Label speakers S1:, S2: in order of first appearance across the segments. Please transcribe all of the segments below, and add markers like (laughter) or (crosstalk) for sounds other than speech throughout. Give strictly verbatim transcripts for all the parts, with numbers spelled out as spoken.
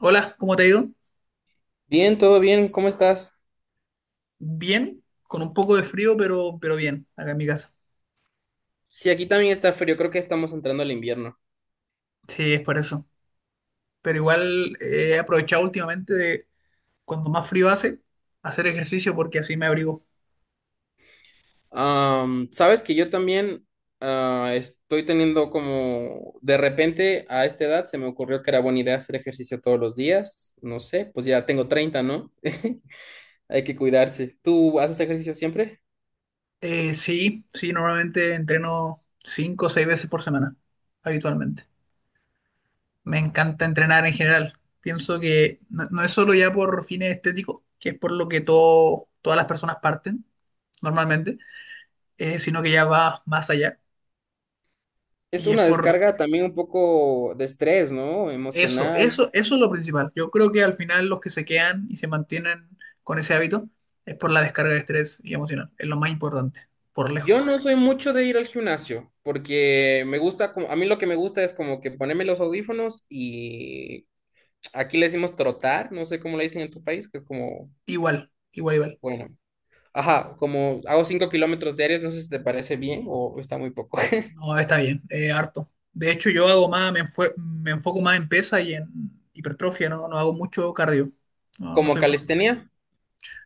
S1: Hola, ¿cómo te ha ido?
S2: Bien, todo bien, ¿cómo estás?
S1: Bien, con un poco de frío, pero, pero bien, acá en mi casa.
S2: Sí, aquí también está frío, creo que estamos entrando al invierno.
S1: Sí, es por eso. Pero igual eh, he aprovechado últimamente de cuando más frío hace, hacer ejercicio porque así me abrigo.
S2: Am, sabes que yo también ah, estoy teniendo como, de repente a esta edad se me ocurrió que era buena idea hacer ejercicio todos los días, no sé, pues ya tengo treinta, ¿no? (laughs) Hay que cuidarse. ¿Tú haces ejercicio siempre?
S1: Eh, sí, sí, normalmente entreno cinco o seis veces por semana, habitualmente. Me encanta entrenar en general. Pienso que no, no es solo ya por fines estéticos, que es por lo que todo, todas las personas parten normalmente, eh, sino que ya va más allá.
S2: Es
S1: Y es
S2: una
S1: por,
S2: descarga también un poco de estrés, ¿no?
S1: Eso,
S2: Emocional.
S1: eso, eso es lo principal. Yo creo que al final los que se quedan y se mantienen con ese hábito es por la descarga de estrés y emocional. Es lo más importante, por
S2: Yo
S1: lejos.
S2: no soy mucho de ir al gimnasio, porque me gusta, como- a mí lo que me gusta es como que ponerme los audífonos y aquí le decimos trotar, no sé cómo le dicen en tu país, que es como,
S1: Igual, igual, igual.
S2: bueno, ajá, como hago cinco kilómetros diarios, no sé si te parece bien o está muy poco. (laughs)
S1: No, está bien, eh, harto. De hecho, yo hago más, me, enfue- me enfoco más en pesa y en hipertrofia, no, no hago mucho cardio. No, no
S2: Como
S1: soy bueno.
S2: calistenia.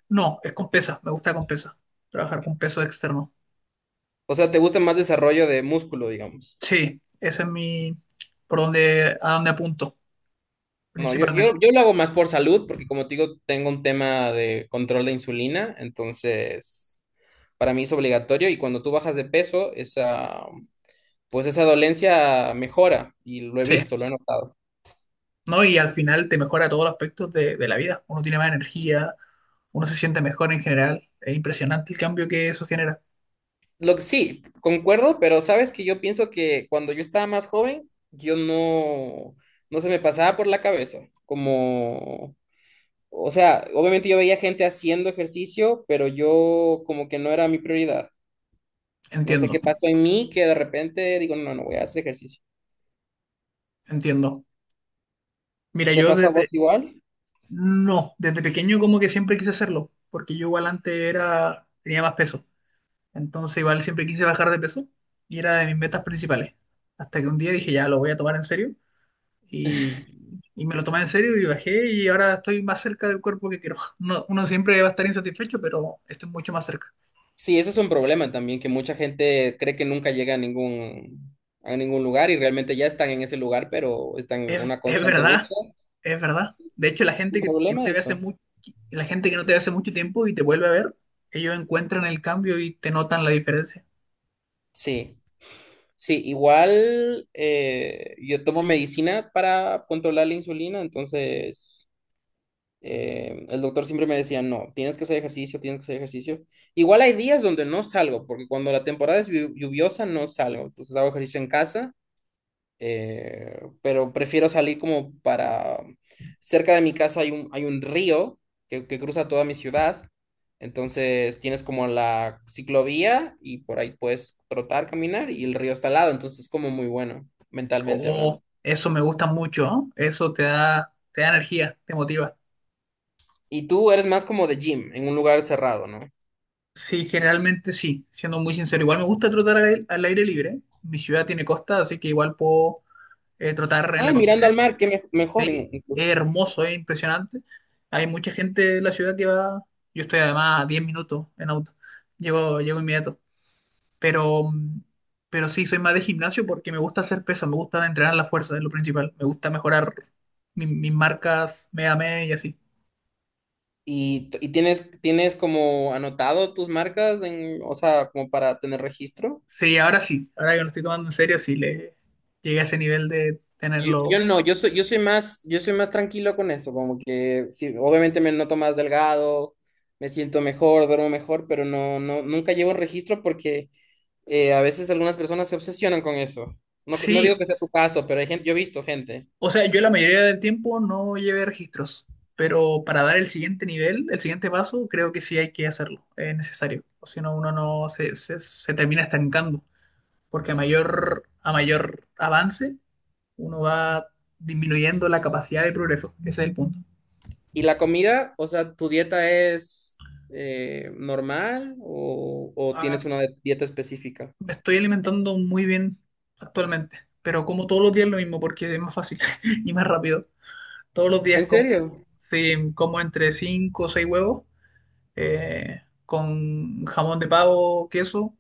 S1: No, es con pesa, me gusta con pesa. Trabajar con peso externo.
S2: O sea, te gusta más desarrollo de músculo, digamos.
S1: Sí, ese es mi, por donde, a donde apunto,
S2: No, yo,
S1: principalmente.
S2: yo, yo lo hago más por salud, porque como te digo, tengo un tema de control de insulina, entonces para mí es obligatorio y cuando tú bajas de peso, esa, pues esa dolencia mejora y lo he
S1: Sí.
S2: visto, lo he notado.
S1: ¿No? Y al final te mejora todos los aspectos de, de la vida. Uno tiene más energía, uno se siente mejor en general. Es impresionante el cambio que eso genera.
S2: Lo que sí, concuerdo, pero sabes que yo pienso que cuando yo estaba más joven, yo no, no se me pasaba por la cabeza, como, o sea, obviamente yo veía gente haciendo ejercicio, pero yo como que no era mi prioridad. No sé
S1: Entiendo,
S2: qué pasó en mí que de repente digo, no, no voy a hacer ejercicio.
S1: entiendo. Mira,
S2: ¿Te
S1: yo
S2: pasó a
S1: desde,
S2: vos igual?
S1: no, desde pequeño como que siempre quise hacerlo, porque yo igual antes era, tenía más peso. Entonces igual siempre quise bajar de peso y era de mis metas principales. Hasta que un día dije, ya, lo voy a tomar en serio. Y, y me lo tomé en serio y bajé y ahora estoy más cerca del cuerpo que quiero. (laughs) No- uno siempre va a estar insatisfecho, pero estoy mucho más cerca.
S2: Sí, eso es un problema también, que mucha gente cree que nunca llega a ningún, a ningún lugar y realmente ya están en ese lugar, pero están en
S1: Es,
S2: una
S1: es
S2: constante
S1: verdad,
S2: búsqueda.
S1: es verdad. De hecho, la
S2: Es un
S1: gente que, que no
S2: problema
S1: te ve hace
S2: eso.
S1: mucho, la gente que no te ve hace mucho tiempo y te vuelve a ver, ellos encuentran el cambio y te notan la diferencia.
S2: Sí, sí, igual eh, yo tomo medicina para controlar la insulina, entonces... eh, el doctor siempre me decía, no, tienes que hacer ejercicio, tienes que hacer ejercicio. Igual hay días donde no salgo, porque cuando la temporada es llu- lluviosa no salgo, entonces hago ejercicio en casa, eh, pero prefiero salir como para... Cerca de mi casa hay un, hay un río que, que cruza toda mi ciudad, entonces tienes como la ciclovía y por ahí puedes trotar, caminar y el río está al lado, entonces es como muy bueno, mentalmente
S1: Oh,
S2: hablando.
S1: eso me gusta mucho, ¿no? Eso te da, te da energía, te motiva.
S2: ¿Y tú eres más como de gym, en un lugar cerrado, ¿no?
S1: Sí, generalmente sí, siendo muy sincero. Igual me gusta trotar al, al aire libre. Mi ciudad tiene costa, así que igual puedo eh, trotar en
S2: Ah,
S1: la
S2: mirando al
S1: costa.
S2: mar, que me- mejor
S1: Sí,
S2: in-
S1: es
S2: incluso.
S1: hermoso, es impresionante. Hay mucha gente de la ciudad que va. Yo estoy además a diez minutos en auto. Llego, llego inmediato. Pero, mm, pero sí, soy más de gimnasio porque me gusta hacer peso, me gusta entrenar la fuerza, es lo principal. Me gusta mejorar mi- mis marcas mes a mes y así.
S2: ¿Y, t- y tienes, tienes como anotado tus marcas en, o sea, como para tener registro?
S1: Sí, ahora sí, ahora que lo estoy tomando en serio, sí le llegué a ese nivel de
S2: Yo, yo
S1: tenerlo.
S2: no, yo soy, yo soy más, Yo soy más tranquilo con eso, como que sí, obviamente me noto más delgado, me siento mejor, duermo mejor, pero no, no, nunca llevo un registro porque eh, a veces algunas personas se obsesionan con eso. No, no
S1: Sí,
S2: digo que sea tu caso, pero hay gente, yo he visto gente.
S1: o sea, yo la mayoría del tiempo no llevé registros, pero para dar el siguiente nivel, el siguiente paso, creo que sí hay que hacerlo, es necesario. O si no, uno no se, se, se termina estancando, porque a mayor, a mayor avance, uno va disminuyendo la capacidad de progreso. Ese es el punto.
S2: ¿Y la comida? O sea, ¿tu dieta es eh, normal o, o
S1: Ah,
S2: tienes una de- dieta específica?
S1: me estoy alimentando muy bien actualmente, pero como todos los días lo mismo, porque es más fácil (laughs) y más rápido. Todos los días
S2: ¿En
S1: como,
S2: serio?
S1: sí, como entre cinco o seis huevos eh, con jamón de pavo, queso,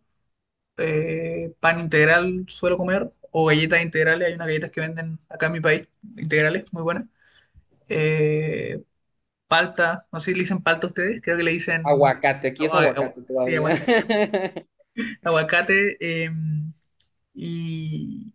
S1: eh, pan integral suelo comer, o galletas integrales, hay unas galletas que venden acá en mi país, integrales, muy buenas. Eh, palta, no sé si le dicen palta a ustedes, creo que le dicen
S2: Aguacate, aquí es
S1: agua- agua-
S2: aguacate
S1: sí,
S2: todavía.
S1: aguacate.
S2: (laughs)
S1: Aguacate, eh, y,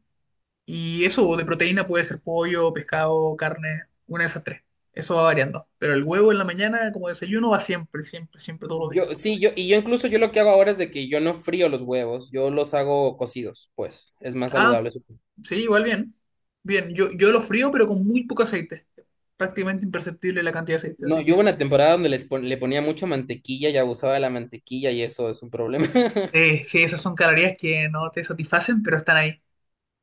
S1: y eso de proteína puede ser pollo, pescado, carne, una de esas tres. Eso va variando. Pero el huevo en la mañana como desayuno va siempre, siempre, siempre todos los días.
S2: Yo, sí, yo, y yo incluso yo lo que hago ahora es de que yo no frío los huevos, yo los hago cocidos, pues, es más
S1: Ah,
S2: saludable, supongo.
S1: sí, igual bien. Bien, yo, yo lo frío, pero con muy poco aceite. Prácticamente imperceptible la cantidad de aceite,
S2: No,
S1: así
S2: yo
S1: que...
S2: hubo una temporada donde les pon- le ponía mucho mantequilla y abusaba de la mantequilla y eso es un problema.
S1: Eh, sí, esas son calorías que no te satisfacen, pero están ahí.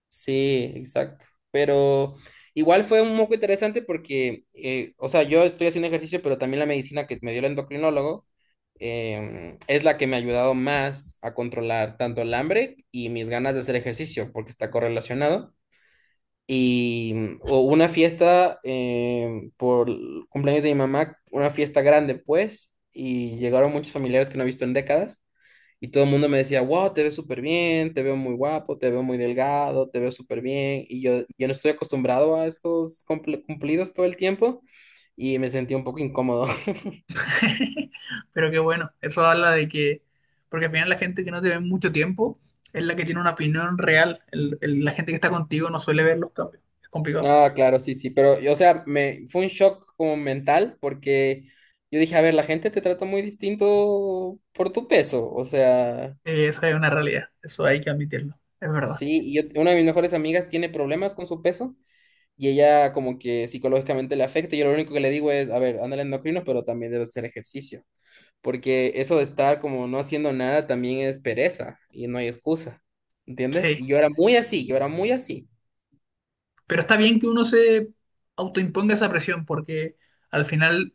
S2: Sí, exacto. Pero igual fue un poco interesante porque, eh, o sea, yo estoy haciendo ejercicio, pero también la medicina que me dio el endocrinólogo em, es la que me ha ayudado más a controlar tanto el hambre y mis ganas de hacer ejercicio, porque está correlacionado. Y mm, hubo una fiesta em, por el cumpleaños de mi mamá, una fiesta grande, pues, y llegaron muchos familiares que no he visto en décadas. Y todo el mundo me decía, wow, te ves súper bien, te veo muy guapo, te veo muy delgado, te veo súper bien. Y yo, yo no estoy acostumbrado a esos cumpl- cumplidos todo el tiempo y me sentí un poco incómodo. (laughs)
S1: (laughs) Pero qué bueno, eso habla de que... Porque al final la gente que no te ve mucho tiempo es la que tiene una opinión real. El- el- la gente que está contigo no suele ver los cambios. Es complicado.
S2: Ah, claro, sí, sí, pero, y, o sea, me, fue un shock como mental porque yo dije, a ver, la gente te trata muy distinto por tu peso, o sea,
S1: Eh, esa es una realidad, eso hay que admitirlo. Es verdad.
S2: sí, y yo- una de mis mejores amigas tiene problemas con su peso y ella como que psicológicamente le afecta y yo lo único que le digo es, a ver, anda al endocrino, pero también debes hacer ejercicio. Porque eso de estar como no haciendo nada también es pereza y no hay excusa, ¿entiendes?
S1: Sí,
S2: Y yo era
S1: sí.
S2: muy así, yo era muy así.
S1: Pero está bien que uno se autoimponga esa presión, porque al final,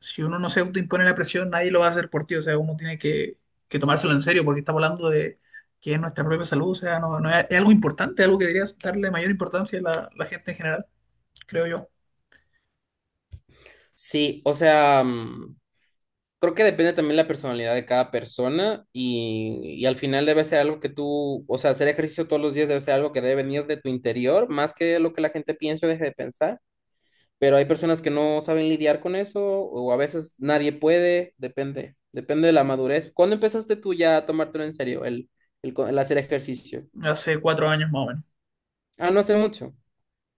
S1: si uno no se autoimpone la presión, nadie lo va a hacer por ti. O sea, uno tiene que, que tomárselo en serio porque estamos hablando de que es nuestra propia salud. O sea, no, no es, es algo importante, algo que debería darle mayor importancia a la, la gente en general, creo yo.
S2: Sí, o sea, mm, creo que depende también la personalidad de cada persona y, y al final debe ser algo que tú, o sea, hacer ejercicio todos los días debe ser algo que debe venir de tu interior, más que lo que la gente piensa o deje de pensar. Pero hay personas que no saben lidiar con eso o a veces nadie puede, depende, depende de la madurez. ¿Cuándo empezaste tú ya a tomártelo en serio, el, el co- el hacer ejercicio?
S1: Hace cuatro años más o menos.
S2: Ah, no hace mucho,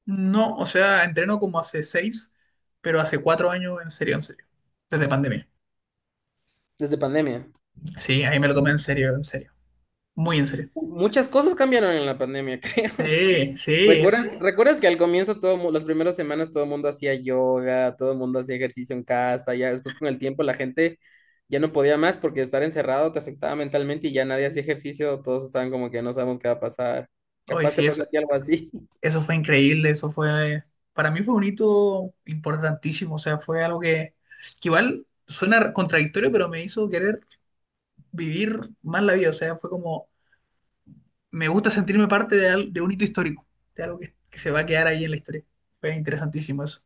S1: No, o sea, entreno como hace seis, pero hace cuatro años en serio, en serio. Desde pandemia.
S2: desde pandemia.
S1: Sí, ahí me lo tomé en serio, en serio. Muy en serio.
S2: Muchas cosas cambiaron en la pandemia, (laughs) creo.
S1: Sí, sí, eso
S2: ¿Recuerdas,
S1: fue.
S2: recuerdas que al comienzo, todo, mu- las primeras semanas, todo el mundo hacía yoga, todo el mundo hacía ejercicio en casa, ya después con el tiempo la gente ya no podía más porque estar encerrado te afectaba mentalmente y ya nadie hacía ejercicio, todos estaban como que no sabemos qué va a pasar.
S1: Oye,
S2: Capaz te
S1: sí,
S2: pasó
S1: eso,
S2: a ti algo así. (laughs)
S1: eso fue increíble, eso fue, para mí fue un hito importantísimo, o sea, fue algo que, que igual suena contradictorio, pero me hizo querer vivir más la vida, o sea, fue como, me gusta sentirme parte de, al- de un hito histórico, de algo que, que se va a quedar ahí en la historia. Fue interesantísimo eso.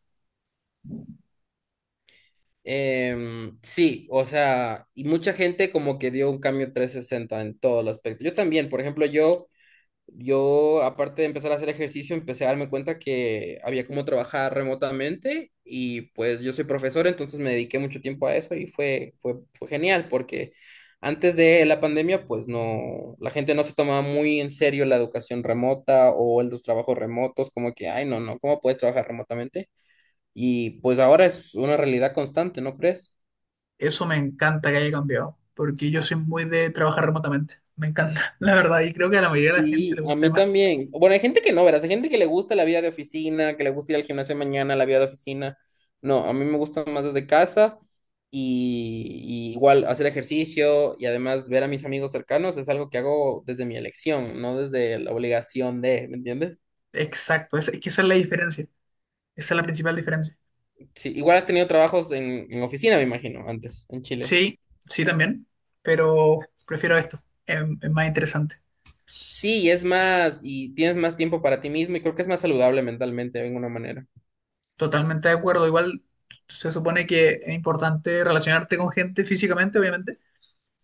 S2: Em, sí, o sea, y mucha gente como que dio un cambio trescientos sesenta en todo el aspecto. Yo también, por ejemplo, yo Yo, aparte de empezar a hacer ejercicio, empecé a darme cuenta que había cómo trabajar remotamente y pues yo soy profesor, entonces me dediqué mucho tiempo a eso y fue, fue, fue genial porque antes de la pandemia, pues no, la gente no se tomaba muy en serio la educación remota o el- los trabajos remotos, como que, ay, no, no, ¿cómo puedes trabajar remotamente? Y pues ahora es una realidad constante, ¿no crees?
S1: Eso me encanta que haya cambiado, porque yo soy muy de trabajar remotamente, me encanta, (laughs) la verdad, y creo que a la mayoría de la gente
S2: Sí,
S1: le
S2: a
S1: gusta
S2: mí
S1: más como,
S2: también. Bueno, hay gente que no, verás, hay gente que le gusta la vida de oficina, que le gusta ir al gimnasio mañana, la vida de oficina. No, a mí me gusta más desde casa y, y igual hacer ejercicio y además ver a mis amigos cercanos es algo que hago desde mi elección, no desde la obligación de, ¿me entiendes?
S1: exacto, es, es que esa es la diferencia, esa es la principal diferencia.
S2: Sí, igual has tenido trabajos en, en oficina, me imagino, antes, en Chile.
S1: Sí, sí también, pero prefiero esto, es, es más interesante.
S2: Sí, es más, y tienes más tiempo para ti mismo y creo que es más saludable mentalmente de alguna manera.
S1: Totalmente de acuerdo, igual se supone que es importante relacionarte con gente físicamente, obviamente,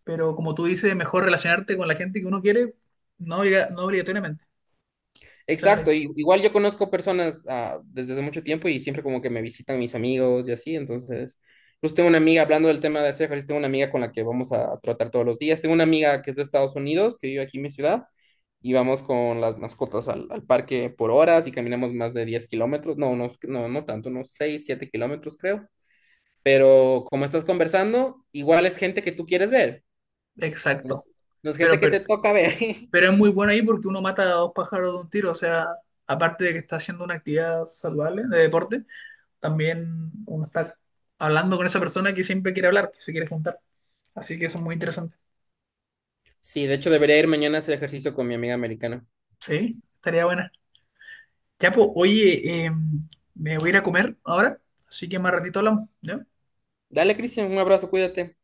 S1: pero como tú dices, mejor relacionarte con la gente que uno quiere, no, obliga- no obligatoriamente. Esa es la
S2: Exacto, y- igual yo conozco personas ah, desde hace mucho tiempo y siempre como que me visitan mis amigos y así, entonces, pues tengo una amiga, hablando del tema de hacer ejercicio, tengo una amiga con la que vamos a tratar todos los días, tengo una amiga que es de Estados Unidos, que vive aquí en mi ciudad, y vamos con las mascotas al, al parque por horas y caminamos más de diez kilómetros, no, no, no, no tanto, unos seis siete kilómetros creo, pero como estás conversando, igual es gente que tú quieres ver,
S1: idea.
S2: no es
S1: Exacto.
S2: no es gente
S1: Pero,
S2: que
S1: pero,
S2: te toca ver.
S1: pero es
S2: (laughs)
S1: muy bueno ahí porque uno mata a dos pájaros de un tiro, o sea, aparte de que está haciendo una actividad saludable de deporte, también uno está hablando con esa persona que siempre quiere hablar, que se quiere juntar. Así que eso es muy interesante.
S2: Sí, de hecho debería ir mañana a hacer ejercicio con mi amiga americana.
S1: Sí, estaría buena. Ya, pues, oye, em, me voy a ir a comer ahora, así que más ratito hablamos, ¿ya?
S2: Dale, Cristian, un abrazo, cuídate.